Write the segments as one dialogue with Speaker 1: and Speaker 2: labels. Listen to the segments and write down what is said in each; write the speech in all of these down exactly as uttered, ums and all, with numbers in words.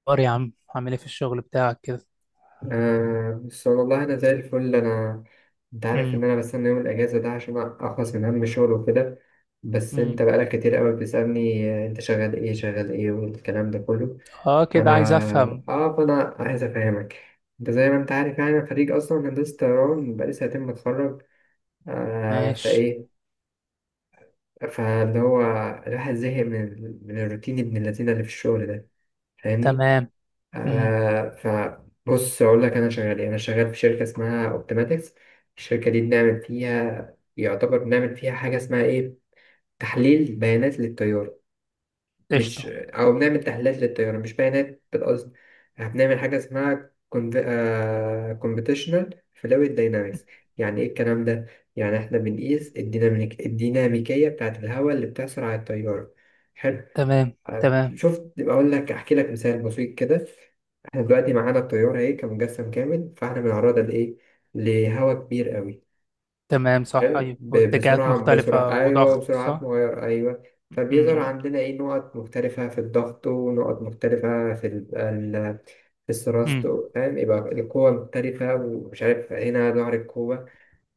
Speaker 1: اخبار يا عم، عامل ايه في الشغل بتاعك كده؟
Speaker 2: آه، بس والله أنا زي الفل. أنا أنت عارف
Speaker 1: امم.
Speaker 2: إن أنا بستنى يوم الأجازة ده عشان أخلص من هم الشغل وكده. بس أنت
Speaker 1: امم.
Speaker 2: بقالك كتير أوي بتسألني، آه، أنت شغال إيه شغال إيه والكلام ده كله.
Speaker 1: اه، كده
Speaker 2: فأنا
Speaker 1: عايز افهم.
Speaker 2: آه فأنا عايز أفهمك. أنت زي ما أنت عارف يعني أنا خريج أصلا هندسة طيران بقالي سنتين متخرج. آه
Speaker 1: ماشي.
Speaker 2: فإيه فاللي هو الواحد زهق من من الروتين ابن اللذينة اللي في الشغل ده. فاهمني؟
Speaker 1: تمام. امم.
Speaker 2: آه فبص اقول لك انا شغال إيه. انا شغال في شركه اسمها اوبتيماتكس. الشركه دي بنعمل فيها، يعتبر بنعمل فيها حاجه اسمها ايه، تحليل بيانات للطياره. مش
Speaker 1: قشطه.
Speaker 2: او بنعمل تحليلات للطياره مش بيانات بالقصد. إحنا بنعمل حاجه اسمها كومبيتيشنال فلويد داينامكس. يعني ايه الكلام ده؟ يعني احنا بنقيس الديناميك الديناميكيه بتاعه الهواء اللي بتحصل على الطياره. حلو.
Speaker 1: تمام.
Speaker 2: طيب،
Speaker 1: تمام.
Speaker 2: شفت بقول لك احكي لك مثال بسيط كده. احنا دلوقتي معانا الطيارة ايه كمجسم كامل، فاحنا بنعرضها لايه، لهواء كبير قوي.
Speaker 1: تمام، صح،
Speaker 2: حلو.
Speaker 1: ايوه،
Speaker 2: ب-
Speaker 1: واتجاهات
Speaker 2: بسرعة
Speaker 1: مختلفه
Speaker 2: بسرعة ايوه،
Speaker 1: وضغط،
Speaker 2: وبسرعات
Speaker 1: صح.
Speaker 2: مغيرة ايوه. فبيظهر
Speaker 1: امم.
Speaker 2: عندنا ايه، نقط مختلفة في الضغط ونقط مختلفة في ال- ال- في الثرست.
Speaker 1: امم.
Speaker 2: فاهم؟ يبقى القوة مختلفة ومش عارف هنا ظهر القوة.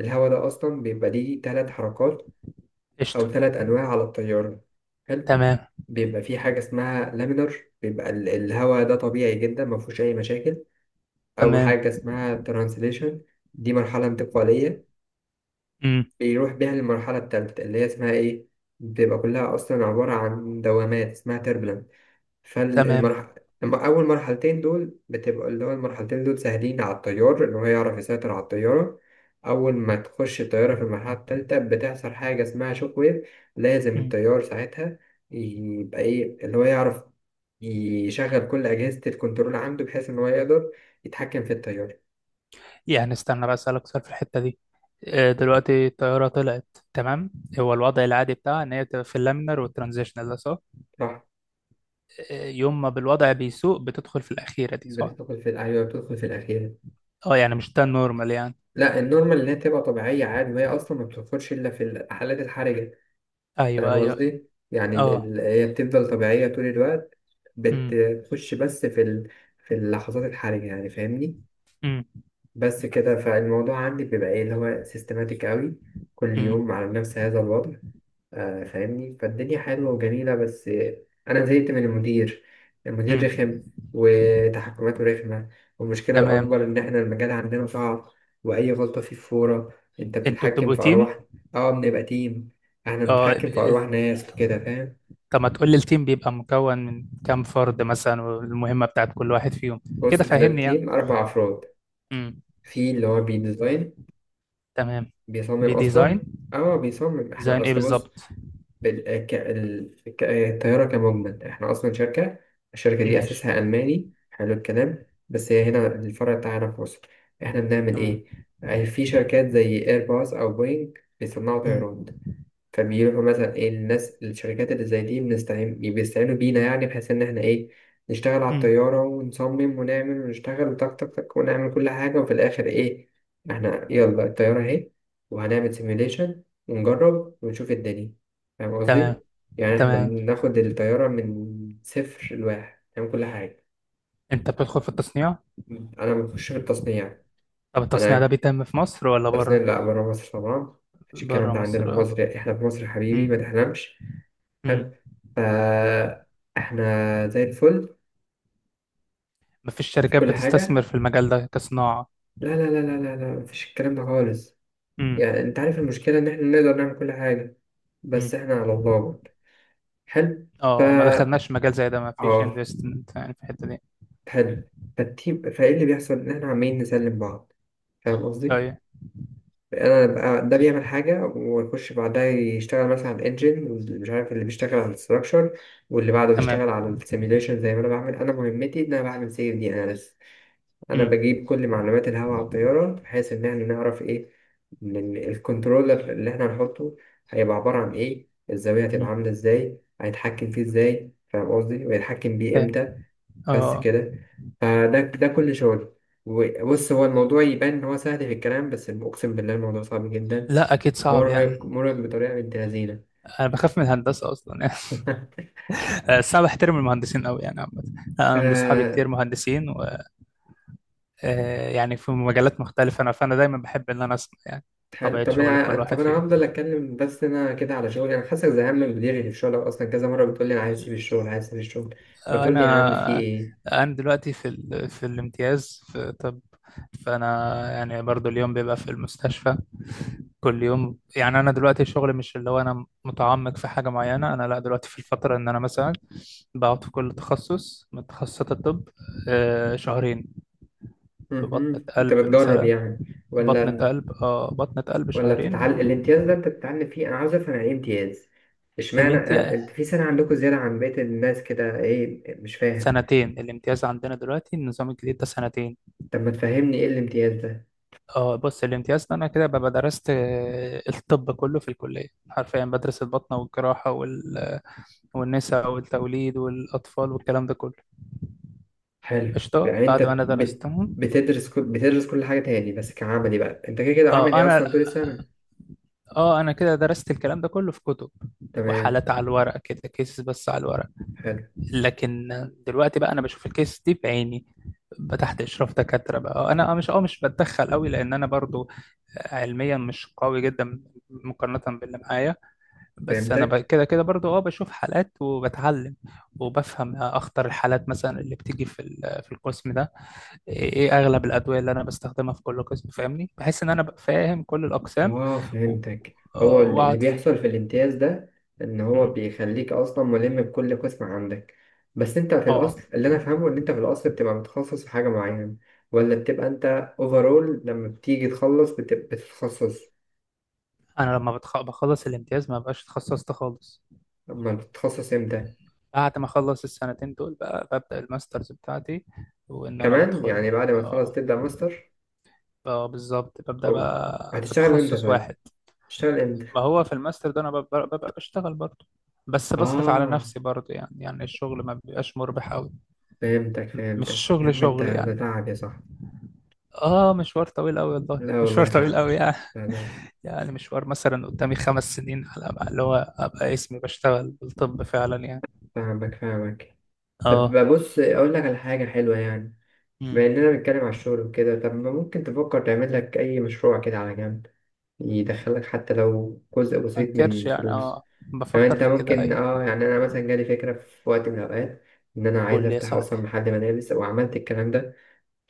Speaker 2: الهواء ده أصلا بيبقى ليه تلات حركات أو
Speaker 1: قشطه.
Speaker 2: تلات أنواع على الطيارة. حلو.
Speaker 1: تمام.
Speaker 2: بيبقى في حاجة اسمها لامينر، بيبقى ال- الهواء ده طبيعي جدا ما فيهوش أي مشاكل. أو
Speaker 1: تمام.
Speaker 2: حاجة اسمها ترانسليشن، دي مرحلة انتقالية.
Speaker 1: امم.
Speaker 2: بيروح بيها للمرحلة التالتة اللي هي اسمها إيه، بتبقى كلها أصلا عبارة عن دوامات اسمها turbulence.
Speaker 1: تمام.
Speaker 2: فالمرحلة، أول مرحلتين دول بتبقى اللي هو المرحلتين دول سهلين على الطيار إن هو يعرف يسيطر على الطيارة. أول ما تخش الطيارة في المرحلة التالتة بتحصل حاجة اسمها شوك ويف. لازم
Speaker 1: امم.
Speaker 2: الطيار ساعتها يبقى إيه اللي هو يعرف يشغل كل أجهزة الكنترول عنده بحيث إن هو يقدر يتحكم في الطيارة.
Speaker 1: يعني استنى بقى، اسالك سؤال في الحته دي. آه، دلوقتي الطياره طلعت. تمام. هو الوضع العادي بتاعها ان هي تبقى في اللامينر والترانزيشنال ده، صح؟
Speaker 2: صح.
Speaker 1: آه، يوم ما بالوضع بيسوء بتدخل في الاخيره دي، صح؟
Speaker 2: بتدخل في، أيوه، بتدخل في الأخيرة.
Speaker 1: اه، يعني مش ده النورمال يعني؟
Speaker 2: لا، النورمال اللي هي تبقى طبيعية عادي، وهي أصلا ما بتدخلش إلا في الحالات الحرجة.
Speaker 1: ايوه،
Speaker 2: فاهم
Speaker 1: ايوه.
Speaker 2: قصدي؟ يعني ال-
Speaker 1: اه.
Speaker 2: ال- هي بتفضل طبيعية طول الوقت،
Speaker 1: امم.
Speaker 2: بتخش بس في ال... في اللحظات الحرجة يعني. فاهمني؟
Speaker 1: امم.
Speaker 2: بس كده، فالموضوع عندي بيبقى ايه اللي هو سيستماتيك قوي، كل
Speaker 1: امم.
Speaker 2: يوم على نفس هذا الوضع. آه، فاهمني، فالدنيا حلوة وجميلة، بس آه، أنا زهقت من المدير. المدير
Speaker 1: امم.
Speaker 2: رخم وتحكماته رخمة. والمشكلة
Speaker 1: تمام.
Speaker 2: الأكبر إن إحنا المجال عندنا صعب وأي غلطة فيه فورة، أنت
Speaker 1: انتوا
Speaker 2: بتتحكم
Speaker 1: بتبقوا
Speaker 2: في
Speaker 1: تيم؟
Speaker 2: أرواح. أه، بنبقى تيم. إحنا
Speaker 1: اه،
Speaker 2: بنتحكم في
Speaker 1: ب-
Speaker 2: أرواح ناس وكده، فاهم.
Speaker 1: طب ما تقول لي، التيم بيبقى مكون من كام فرد مثلا والمهمة بتاعت كل واحد فيهم؟
Speaker 2: بص،
Speaker 1: كده
Speaker 2: إحنا
Speaker 1: فاهمني يعني.
Speaker 2: التيم أربع أفراد.
Speaker 1: امم.
Speaker 2: في اللي هو بيديزاين،
Speaker 1: تمام.
Speaker 2: بيصمم
Speaker 1: بديزاين.
Speaker 2: أصلا. أه بيصمم. إحنا
Speaker 1: ديزاين ايه
Speaker 2: أصل، بص،
Speaker 1: بالظبط؟
Speaker 2: بال- ك- ال- ك- الطيارة كمجمل، احنا أصلا شركة. الشركة دي
Speaker 1: ماشي.
Speaker 2: أساسها ألماني، حلو الكلام، بس هي هنا الفرع بتاعنا في مصر. احنا بنعمل
Speaker 1: تمام.
Speaker 2: إيه؟ أي في شركات زي إيرباص أو بوينج بيصنعوا
Speaker 1: امم.
Speaker 2: طيران، فبيروحوا مثلا ايه، الناس الشركات اللي زي دي بنستعين، بيستعينوا بينا، يعني بحيث ان احنا ايه، نشتغل على
Speaker 1: امم.
Speaker 2: الطيارة ونصمم ونعمل ونشتغل وتك تك تك ونعمل كل حاجة، وفي الآخر ايه، احنا يلا الطيارة اهي، وهنعمل سيميوليشن ونجرب ونشوف الدنيا. فاهم
Speaker 1: تمام.
Speaker 2: قصدي؟ يعني احنا
Speaker 1: تمام.
Speaker 2: بناخد الطيارة من صفر لواحد نعمل كل حاجة.
Speaker 1: انت بتدخل في التصنيع؟
Speaker 2: أنا بخش في التصنيع.
Speaker 1: طب التصنيع ده
Speaker 2: أنا
Speaker 1: بيتم في مصر ولا
Speaker 2: التصنيع
Speaker 1: بره؟
Speaker 2: لأ، برا مصر طبعا. مفيش
Speaker 1: بره
Speaker 2: الكلام ده
Speaker 1: مصر،
Speaker 2: عندنا في
Speaker 1: اه.
Speaker 2: مصر، احنا في مصر يا حبيبي
Speaker 1: امم.
Speaker 2: ما تحلمش.
Speaker 1: امم.
Speaker 2: حلو. فا احنا زي الفل،
Speaker 1: مفيش
Speaker 2: في
Speaker 1: شركات
Speaker 2: كل
Speaker 1: بتستثمر
Speaker 2: حاجة.
Speaker 1: في المجال ده كصناعة؟
Speaker 2: لا لا لا لا لا لا، مفيش الكلام ده خالص.
Speaker 1: امم.
Speaker 2: يعني انت عارف المشكلة ان احنا نقدر نعمل كل حاجة
Speaker 1: إمم.
Speaker 2: بس احنا على الله برضه. حلو.
Speaker 1: اه، ما
Speaker 2: فا
Speaker 1: دخلناش مجال زي ده، ما فيش
Speaker 2: اه
Speaker 1: انفستمنت يعني في الحته دي.
Speaker 2: حلو. فالتيم، فايه اللي بيحصل ان احنا عمالين نسلم بعض. فاهم قصدي؟
Speaker 1: ايوه.
Speaker 2: انا بقى ده بيعمل حاجة ويخش بعدها يشتغل مثلا على الانجن، ومش عارف اللي بيشتغل على الستراكشر، واللي بعده
Speaker 1: تمام.
Speaker 2: بيشتغل على السيميليشن، زي ما انا بعمل. انا مهمتي ان انا بعمل سيف دي انا بس. انا
Speaker 1: امم.
Speaker 2: بجيب كل معلومات الهواء على الطياره بحيث ان احنا نعرف ايه، إن ال- الكنترولر اللي احنا هنحطه هيبقى عباره عن ايه، الزاويه هتبقى
Speaker 1: أمم.
Speaker 2: عامله ازاي، هيتحكم فيه ازاي، فاهم قصدي، ويتحكم بيه
Speaker 1: فاهم.
Speaker 2: امتى. بس
Speaker 1: اه.
Speaker 2: كده. فده ده كل شغل. بص، هو الموضوع يبان ان هو سهل في الكلام، بس اقسم بالله الموضوع صعب جدا.
Speaker 1: لا، اكيد صعب
Speaker 2: مرهق
Speaker 1: يعني.
Speaker 2: مرهق بطريقه بنت لذينه.
Speaker 1: انا بخاف من الهندسه اصلا يعني. بس انا بحترم المهندسين قوي يعني عامه. انا عندي اصحابي كتير
Speaker 2: آه،
Speaker 1: مهندسين و... آه، يعني في مجالات مختلفه، انا فانا دايما بحب ان انا اسمع يعني.
Speaker 2: حلو.
Speaker 1: طبيعه
Speaker 2: طب
Speaker 1: شغل كل
Speaker 2: انا طب
Speaker 1: واحد
Speaker 2: انا
Speaker 1: فيهم.
Speaker 2: هفضل اتكلم، بس انا كده على شغلي. انا حاسسك زهقان من مديري في الشغل، اصلا كذا مره بتقول لي انا عايز اسيب الشغل، عايز اسيب الشغل،
Speaker 1: آه،
Speaker 2: بتقول لي يا عم في
Speaker 1: انا
Speaker 2: ايه.
Speaker 1: انا دلوقتي في ال... في الامتياز في طب. فانا يعني برضو اليوم بيبقى في المستشفى. كل يوم يعني انا دلوقتي الشغل مش اللي هو انا متعمق في حاجه معينه، انا لا، دلوقتي في الفتره ان انا مثلا بقعد في كل تخصص من تخصصات الطب. آه، شهرين. في بطنه
Speaker 2: مهم. انت
Speaker 1: قلب
Speaker 2: بتجرب
Speaker 1: مثلا.
Speaker 2: يعني
Speaker 1: بطنه
Speaker 2: ولا
Speaker 1: قلب، اه بطنه قلب
Speaker 2: ولا
Speaker 1: شهرين.
Speaker 2: بتتعلم؟ الامتياز ده انت بتتعلم فيه؟ انا عاوز افهم يعني ايه امتياز. اشمعنى أ-
Speaker 1: الامتياز.
Speaker 2: انت في سنه عندكم زياده عن بقيه الناس كده؟ ايه؟ مش فاهم.
Speaker 1: سنتين الامتياز عندنا دلوقتي، النظام الجديد ده سنتين.
Speaker 2: طب ما تفهمني ايه الامتياز ده.
Speaker 1: اه، بص، الامتياز ده انا كده ببقى درست آه، الطب كله في الكليه، حرفيا بدرس البطنه والجراحه وال... والنساء والتوليد والاطفال والكلام ده كله.
Speaker 2: حلو.
Speaker 1: قشطه
Speaker 2: يعني انت
Speaker 1: بعد ما انا
Speaker 2: بت...
Speaker 1: درستهم.
Speaker 2: بتدرس كل... بتدرس كل حاجه تاني، بس كعملي بقى انت كده كده
Speaker 1: اه
Speaker 2: عملي
Speaker 1: انا
Speaker 2: اصلا طول السنه.
Speaker 1: اه انا كده درست الكلام ده كله في كتب
Speaker 2: تمام.
Speaker 1: وحالات على الورق، كده كيسز بس على الورق.
Speaker 2: حلو.
Speaker 1: لكن دلوقتي بقى انا بشوف الكيس دي بعيني، بقى تحت اشراف دكاتره بقى. آه، انا آه، مش اه مش بتدخل قوي لان انا برضو علميا مش قوي جدا مقارنه باللي معايا. بس انا ب-
Speaker 2: فهمتك.
Speaker 1: كده كده برضو اه بشوف حالات وبتعلم، وبفهم اخطر الحالات مثلا اللي بتيجي في ال- في القسم ده. ايه إيه اغلب الادويه اللي انا بستخدمها في كل قسم، فاهمني، بحس ان انا ببقى فاهم كل الاقسام
Speaker 2: اه
Speaker 1: و-
Speaker 2: فهمتك. هو
Speaker 1: آه،
Speaker 2: ال- اللي
Speaker 1: واقعد ف-
Speaker 2: بيحصل في الامتياز ده ان هو
Speaker 1: مم.
Speaker 2: بيخليك اصلا ملم بكل قسم عندك. بس انت في
Speaker 1: اه.
Speaker 2: الاصل،
Speaker 1: آه.
Speaker 2: اللي انا فاهمه، ان انت في الاصل بتبقى متخصص في حاجة معينة، ولا بتبقى انت اوفرول لما بتيجي تخلص بتبقى بتتخصص؟
Speaker 1: انا لما بتخ- بخلص الامتياز، ما بقاش اتخصصت خالص.
Speaker 2: اما بتتخصص امتى؟
Speaker 1: بعد ما اخلص السنتين دول بقى ببدا الماسترز بتاعتي، وان انا
Speaker 2: كمان
Speaker 1: بدخل.
Speaker 2: يعني، بعد ما تخلص
Speaker 1: اه.
Speaker 2: تبدأ ماستر؟
Speaker 1: آه، بالظبط، ببدا
Speaker 2: او
Speaker 1: بقى في
Speaker 2: هتشتغل امتى
Speaker 1: تخصص
Speaker 2: طيب؟
Speaker 1: واحد.
Speaker 2: هتشتغل امتى؟
Speaker 1: ما هو في الماستر ده انا بب- ببقى بشتغل برضه، بس بصرف على
Speaker 2: اه
Speaker 1: نفسي برضه يعني يعني الشغل ما بيبقاش مربح قوي.
Speaker 2: فهمتك
Speaker 1: مش
Speaker 2: فهمتك يا
Speaker 1: الشغل
Speaker 2: عم، انت
Speaker 1: شغل
Speaker 2: ده
Speaker 1: يعني.
Speaker 2: تعب يا صاحبي.
Speaker 1: اه، مشوار طويل قوي، والله
Speaker 2: لا
Speaker 1: مشوار
Speaker 2: والله
Speaker 1: طويل
Speaker 2: تعب.
Speaker 1: قوي يعني.
Speaker 2: لا لا،
Speaker 1: يعني مشوار مثلا قدامي خمس سنين على ما- اللي هو ابقى اسمي بشتغل بالطب فعلا يعني.
Speaker 2: فاهمك فاهمك. طب
Speaker 1: اه.
Speaker 2: بص اقول لك على حاجه حلوه يعني،
Speaker 1: امم.
Speaker 2: بما اننا بنتكلم على الشغل وكده. طب ما ممكن تفكر تعمل لك اي مشروع كده على جنب، يدخلك حتى لو جزء
Speaker 1: ما
Speaker 2: بسيط
Speaker 1: انكرش
Speaker 2: من
Speaker 1: يعني،
Speaker 2: فلوس.
Speaker 1: اه
Speaker 2: لو
Speaker 1: بفكر
Speaker 2: انت
Speaker 1: في كده،
Speaker 2: ممكن،
Speaker 1: ايوه.
Speaker 2: اه يعني انا مثلا جالي فكره في وقت من الاوقات ان انا عايز
Speaker 1: قول لي يا
Speaker 2: افتح
Speaker 1: صاحبي.
Speaker 2: اصلا محل ملابس، وعملت الكلام ده.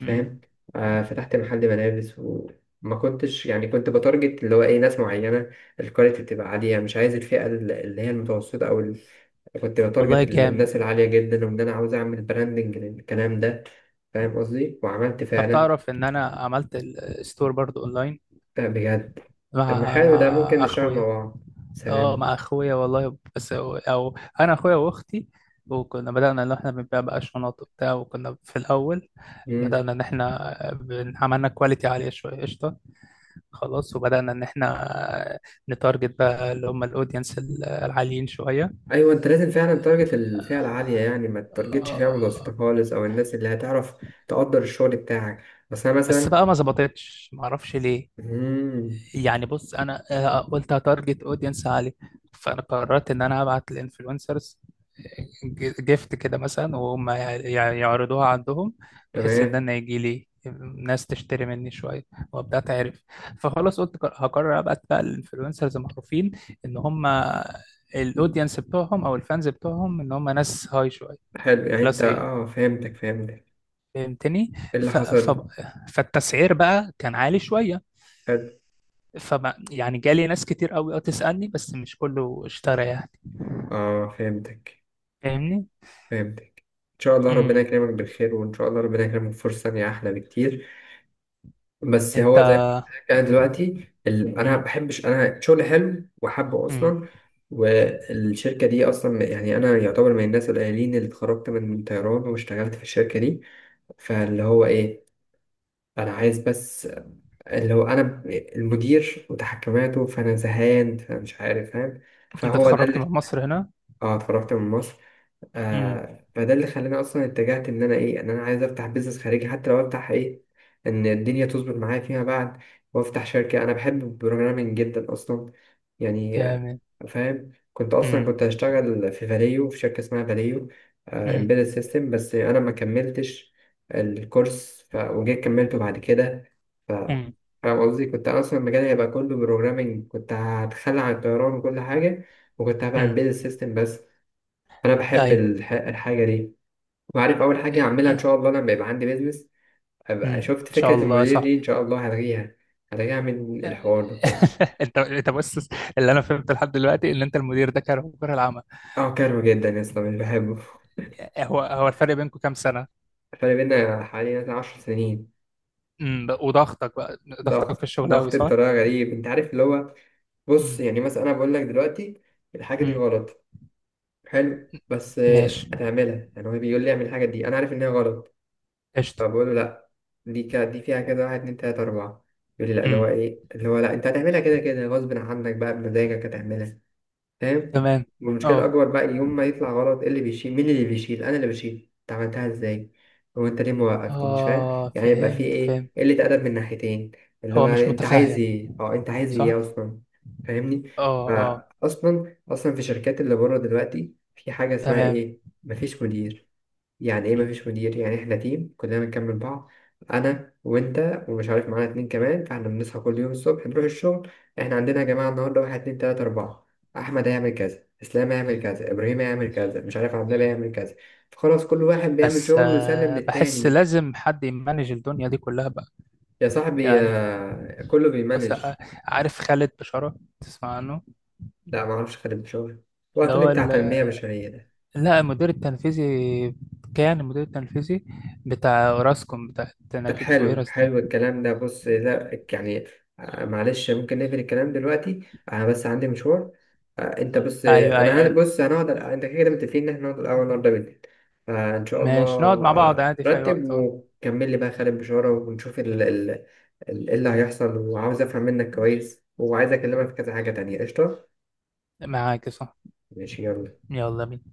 Speaker 1: امم.
Speaker 2: آه فتحت محل ملابس، وما كنتش يعني كنت بتارجت اللي هو ايه، ناس معينة، الكواليتي بتبقى عالية، مش عايز الفئة ال- اللي هي المتوسطة او ال... كنت
Speaker 1: والله
Speaker 2: بتارجت ال-
Speaker 1: جامد.
Speaker 2: الناس العالية جدا، وان انا عاوز اعمل براندنج للكلام ده. فاهم قصدي؟ وعملت
Speaker 1: طب
Speaker 2: فعلا.
Speaker 1: تعرف ان انا عملت الستور برضو اونلاين؟
Speaker 2: آه بجد. طب ما
Speaker 1: مع مع
Speaker 2: حلو، ده ممكن نشتغل مع
Speaker 1: اخويا.
Speaker 2: بعض.
Speaker 1: اه،
Speaker 2: سلام.
Speaker 1: مع اخويا والله، بس هو- او انا اخويا واختي. وكنا بدأنا ان احنا بنبيع بقى شنط وبتاع، وكنا في الاول
Speaker 2: مم.
Speaker 1: بدأنا ان احنا بن- عملنا كواليتي عالية شوية. قشطة. خلاص، وبدأنا ان احنا نتارجت بقى اللي هم الاودينس العاليين شوية.
Speaker 2: ايوه. انت لازم فعلا تارجت الفئة العالية، يعني ما تارجتش فئة متوسطة
Speaker 1: آه،
Speaker 2: خالص، او الناس اللي هتعرف تقدر الشغل بتاعك. بس انا
Speaker 1: بس
Speaker 2: مثلا.
Speaker 1: بقى ما ظبطتش، ما اعرفش ليه
Speaker 2: مم.
Speaker 1: يعني. بص انا، آه، قلت هتارجت اودينس عالي. فانا قررت ان انا ابعت للانفلونسرز جيفت كده مثلا، وهم يع- يع- يعرضوها عندهم، بحيث ان
Speaker 2: تمام.
Speaker 1: انا يجي لي ناس تشتري مني شويه، وابدا اتعرف. فخلاص قلت ق- هقرر ابعت بقى للانفلونسرز معروفين، ان هم الاودينس بتوعهم او الفانز بتوعهم ان هم ناس هاي شويه،
Speaker 2: حلو. يعني انت،
Speaker 1: كلاس. ايه
Speaker 2: اه، فهمتك فهمتك.
Speaker 1: فهمتني؟
Speaker 2: ايه اللي
Speaker 1: ف... ف...
Speaker 2: حصل؟
Speaker 1: فالتسعير بقى كان عالي شويه.
Speaker 2: حلو.
Speaker 1: فما يعني جالي ناس كتير قوي، اه تسألني، بس مش كله اشترى يعني،
Speaker 2: اه فهمتك
Speaker 1: فاهمني.
Speaker 2: فهمتك. ان شاء الله ربنا
Speaker 1: امم.
Speaker 2: يكرمك بالخير، وان شاء الله ربنا يكرمك فرصة تانية احلى بكتير. بس
Speaker 1: انت.
Speaker 2: هو زي ما قلت لك، انا دلوقتي ال... انا
Speaker 1: امم.
Speaker 2: بحبش، انا شغلي حلو وحابه
Speaker 1: امم.
Speaker 2: اصلا. والشركة دي اصلا يعني انا يعتبر من الناس القليلين اللي اتخرجت من طيران واشتغلت في الشركة دي. فاللي هو ايه، انا عايز بس، لو انا ب- المدير وتحكماته، فانا زهقان فمش عارف، فاهم.
Speaker 1: انت
Speaker 2: فهو ده
Speaker 1: اتخرجت من
Speaker 2: اللي،
Speaker 1: مصر هنا؟
Speaker 2: اه، اتفرجت من مصر.
Speaker 1: امم.
Speaker 2: آه فده اللي خلاني اصلا اتجهت ان انا ايه، ان انا عايز افتح بيزنس خارجي، حتى لو افتح ايه، ان الدنيا تظبط معايا فيما بعد. وافتح شركة. انا بحب البروجرامينج جدا اصلا، يعني آه،
Speaker 1: جامد.
Speaker 2: فاهم. كنت اصلا
Speaker 1: امم.
Speaker 2: كنت هشتغل في فاليو، في شركة اسمها فاليو،
Speaker 1: امم.
Speaker 2: امبيدد سيستم، بس انا ما كملتش الكورس، ف... وجيت كملته بعد كده. ف
Speaker 1: امم.
Speaker 2: فاهم قصدي، كنت اصلا مجالي هيبقى كله بروجرامينج، كنت هتخلى عن الطيران وكل حاجة، وكنت هبقى
Speaker 1: امم.
Speaker 2: امبيدد سيستم بس. فانا بحب
Speaker 1: ايوه.
Speaker 2: الح... الحاجه دي. وعارف اول حاجه هعملها ان شاء الله لما يبقى عندي بيزنس،
Speaker 1: امم،
Speaker 2: ابقى شفت
Speaker 1: ان شاء
Speaker 2: فكره
Speaker 1: الله يا
Speaker 2: المدير دي ان
Speaker 1: صاحبي.
Speaker 2: شاء الله هلغيها. هلغيها من
Speaker 1: آه.
Speaker 2: الحوار ده خالص.
Speaker 1: انت انت بص، اللي انا فهمته لحد دلوقتي ان انت المدير ده كان مجرى العمل.
Speaker 2: اه كارهه جدا يا اسطى، مش بحبه.
Speaker 1: هو هو الفرق بينكم كام سنة؟
Speaker 2: فرق بينا حوالي مثلا عشر سنين.
Speaker 1: امم، وضغطك بقى. ضغطك في
Speaker 2: ضغط
Speaker 1: الشغل قوي،
Speaker 2: ضغط
Speaker 1: صح؟
Speaker 2: بطريقه غريب، انت عارف اللي هو، بص
Speaker 1: امم.
Speaker 2: يعني مثلا انا بقول لك دلوقتي الحاجه دي
Speaker 1: امم.
Speaker 2: غلط، حلو، بس آه،
Speaker 1: ماشي.
Speaker 2: هتعملها، يعني هو بيقول لي اعمل الحاجه دي، انا عارف انها غلط،
Speaker 1: قشطة.
Speaker 2: فبقول له لا، دي كا دي فيها كده واحد اتنين تلاتة أربعة، يقول لي لا، اللي هو
Speaker 1: امم.
Speaker 2: إيه، اللي هو لا، أنت هتعملها كده كده، غصب عنك بقى بمزاجك هتعملها. فاهم.
Speaker 1: تمام.
Speaker 2: والمشكلة
Speaker 1: اه.
Speaker 2: الأكبر بقى، يوم ما يطلع غلط، إيه اللي بيشيل، مين اللي بيشيل، أنا اللي بشيل، أنت عملتها إزاي، هو أنت ليه ما وقفتني، مش فاهم.
Speaker 1: اه.
Speaker 2: يعني يبقى في
Speaker 1: فهمت، فهمت.
Speaker 2: إيه، قلة أدب من ناحيتين، اللي هو
Speaker 1: هو مش
Speaker 2: يعني أنت عايز
Speaker 1: متفهم،
Speaker 2: إيه، أه أنت عايز إيه
Speaker 1: صح؟
Speaker 2: أصلا. فاهمني.
Speaker 1: اه. اه.
Speaker 2: فأصلا أصلا في شركات اللي بره دلوقتي في حاجة اسمها
Speaker 1: تمام.
Speaker 2: إيه، مفيش مدير. يعني ايه
Speaker 1: مم.
Speaker 2: مفيش مدير، يعني احنا تيم كلنا بنكمل بعض، انا وانت ومش عارف معانا اتنين كمان، فاحنا بنصحى كل يوم الصبح نروح الشغل، احنا عندنا يا جماعه النهارده واحد اتنين تلاته اربعه، احمد هيعمل كذا، اسلام هيعمل كذا، ابراهيم هيعمل كذا، مش
Speaker 1: مم.
Speaker 2: عارف عبد الله هيعمل كذا، فخلاص كل واحد بيعمل
Speaker 1: بس
Speaker 2: شغله ويسلم
Speaker 1: آه بحس
Speaker 2: للتاني.
Speaker 1: لازم حد يمانج الدنيا دي كلها بقى
Speaker 2: يا صاحبي
Speaker 1: يعني.
Speaker 2: يا كله
Speaker 1: بس
Speaker 2: بيمانج.
Speaker 1: آه، عارف خالد بشارة تسمع عنه؟
Speaker 2: لا معرفش. خدم شغل
Speaker 1: اللي
Speaker 2: وقت لي
Speaker 1: هو
Speaker 2: بتاع
Speaker 1: ال-
Speaker 2: تنميه بشريه؟
Speaker 1: لا، المدير التنفيذي، كان المدير التنفيذي بتاع اوراسكوم، بتاع
Speaker 2: طب
Speaker 1: نجيب
Speaker 2: حلو،
Speaker 1: ساويرس دي.
Speaker 2: حلو الكلام ده، بص لا يعني، آه، معلش ممكن نقفل الكلام دلوقتي، انا بس عندي مشوار. آه، انت بس،
Speaker 1: ايوه،
Speaker 2: آه،
Speaker 1: ايوه،
Speaker 2: انا هن-
Speaker 1: ايوه.
Speaker 2: بص هنقعد، انت كده كده متفقين ان احنا نقعد الاول النهارده بالليل، فان شاء الله.
Speaker 1: ماشي، نقعد مع بعض
Speaker 2: آه،
Speaker 1: عادي في اي
Speaker 2: رتب
Speaker 1: وقت، اه.
Speaker 2: وكمل لي بقى خالد بشارة، ونشوف ال ال ال- إيه اللي هيحصل، وعاوز افهم منك كويس، وعايز اكلمك في كذا حاجة تانية. قشطة.
Speaker 1: معاك صح.
Speaker 2: ماشي يلا.
Speaker 1: يلا بينا.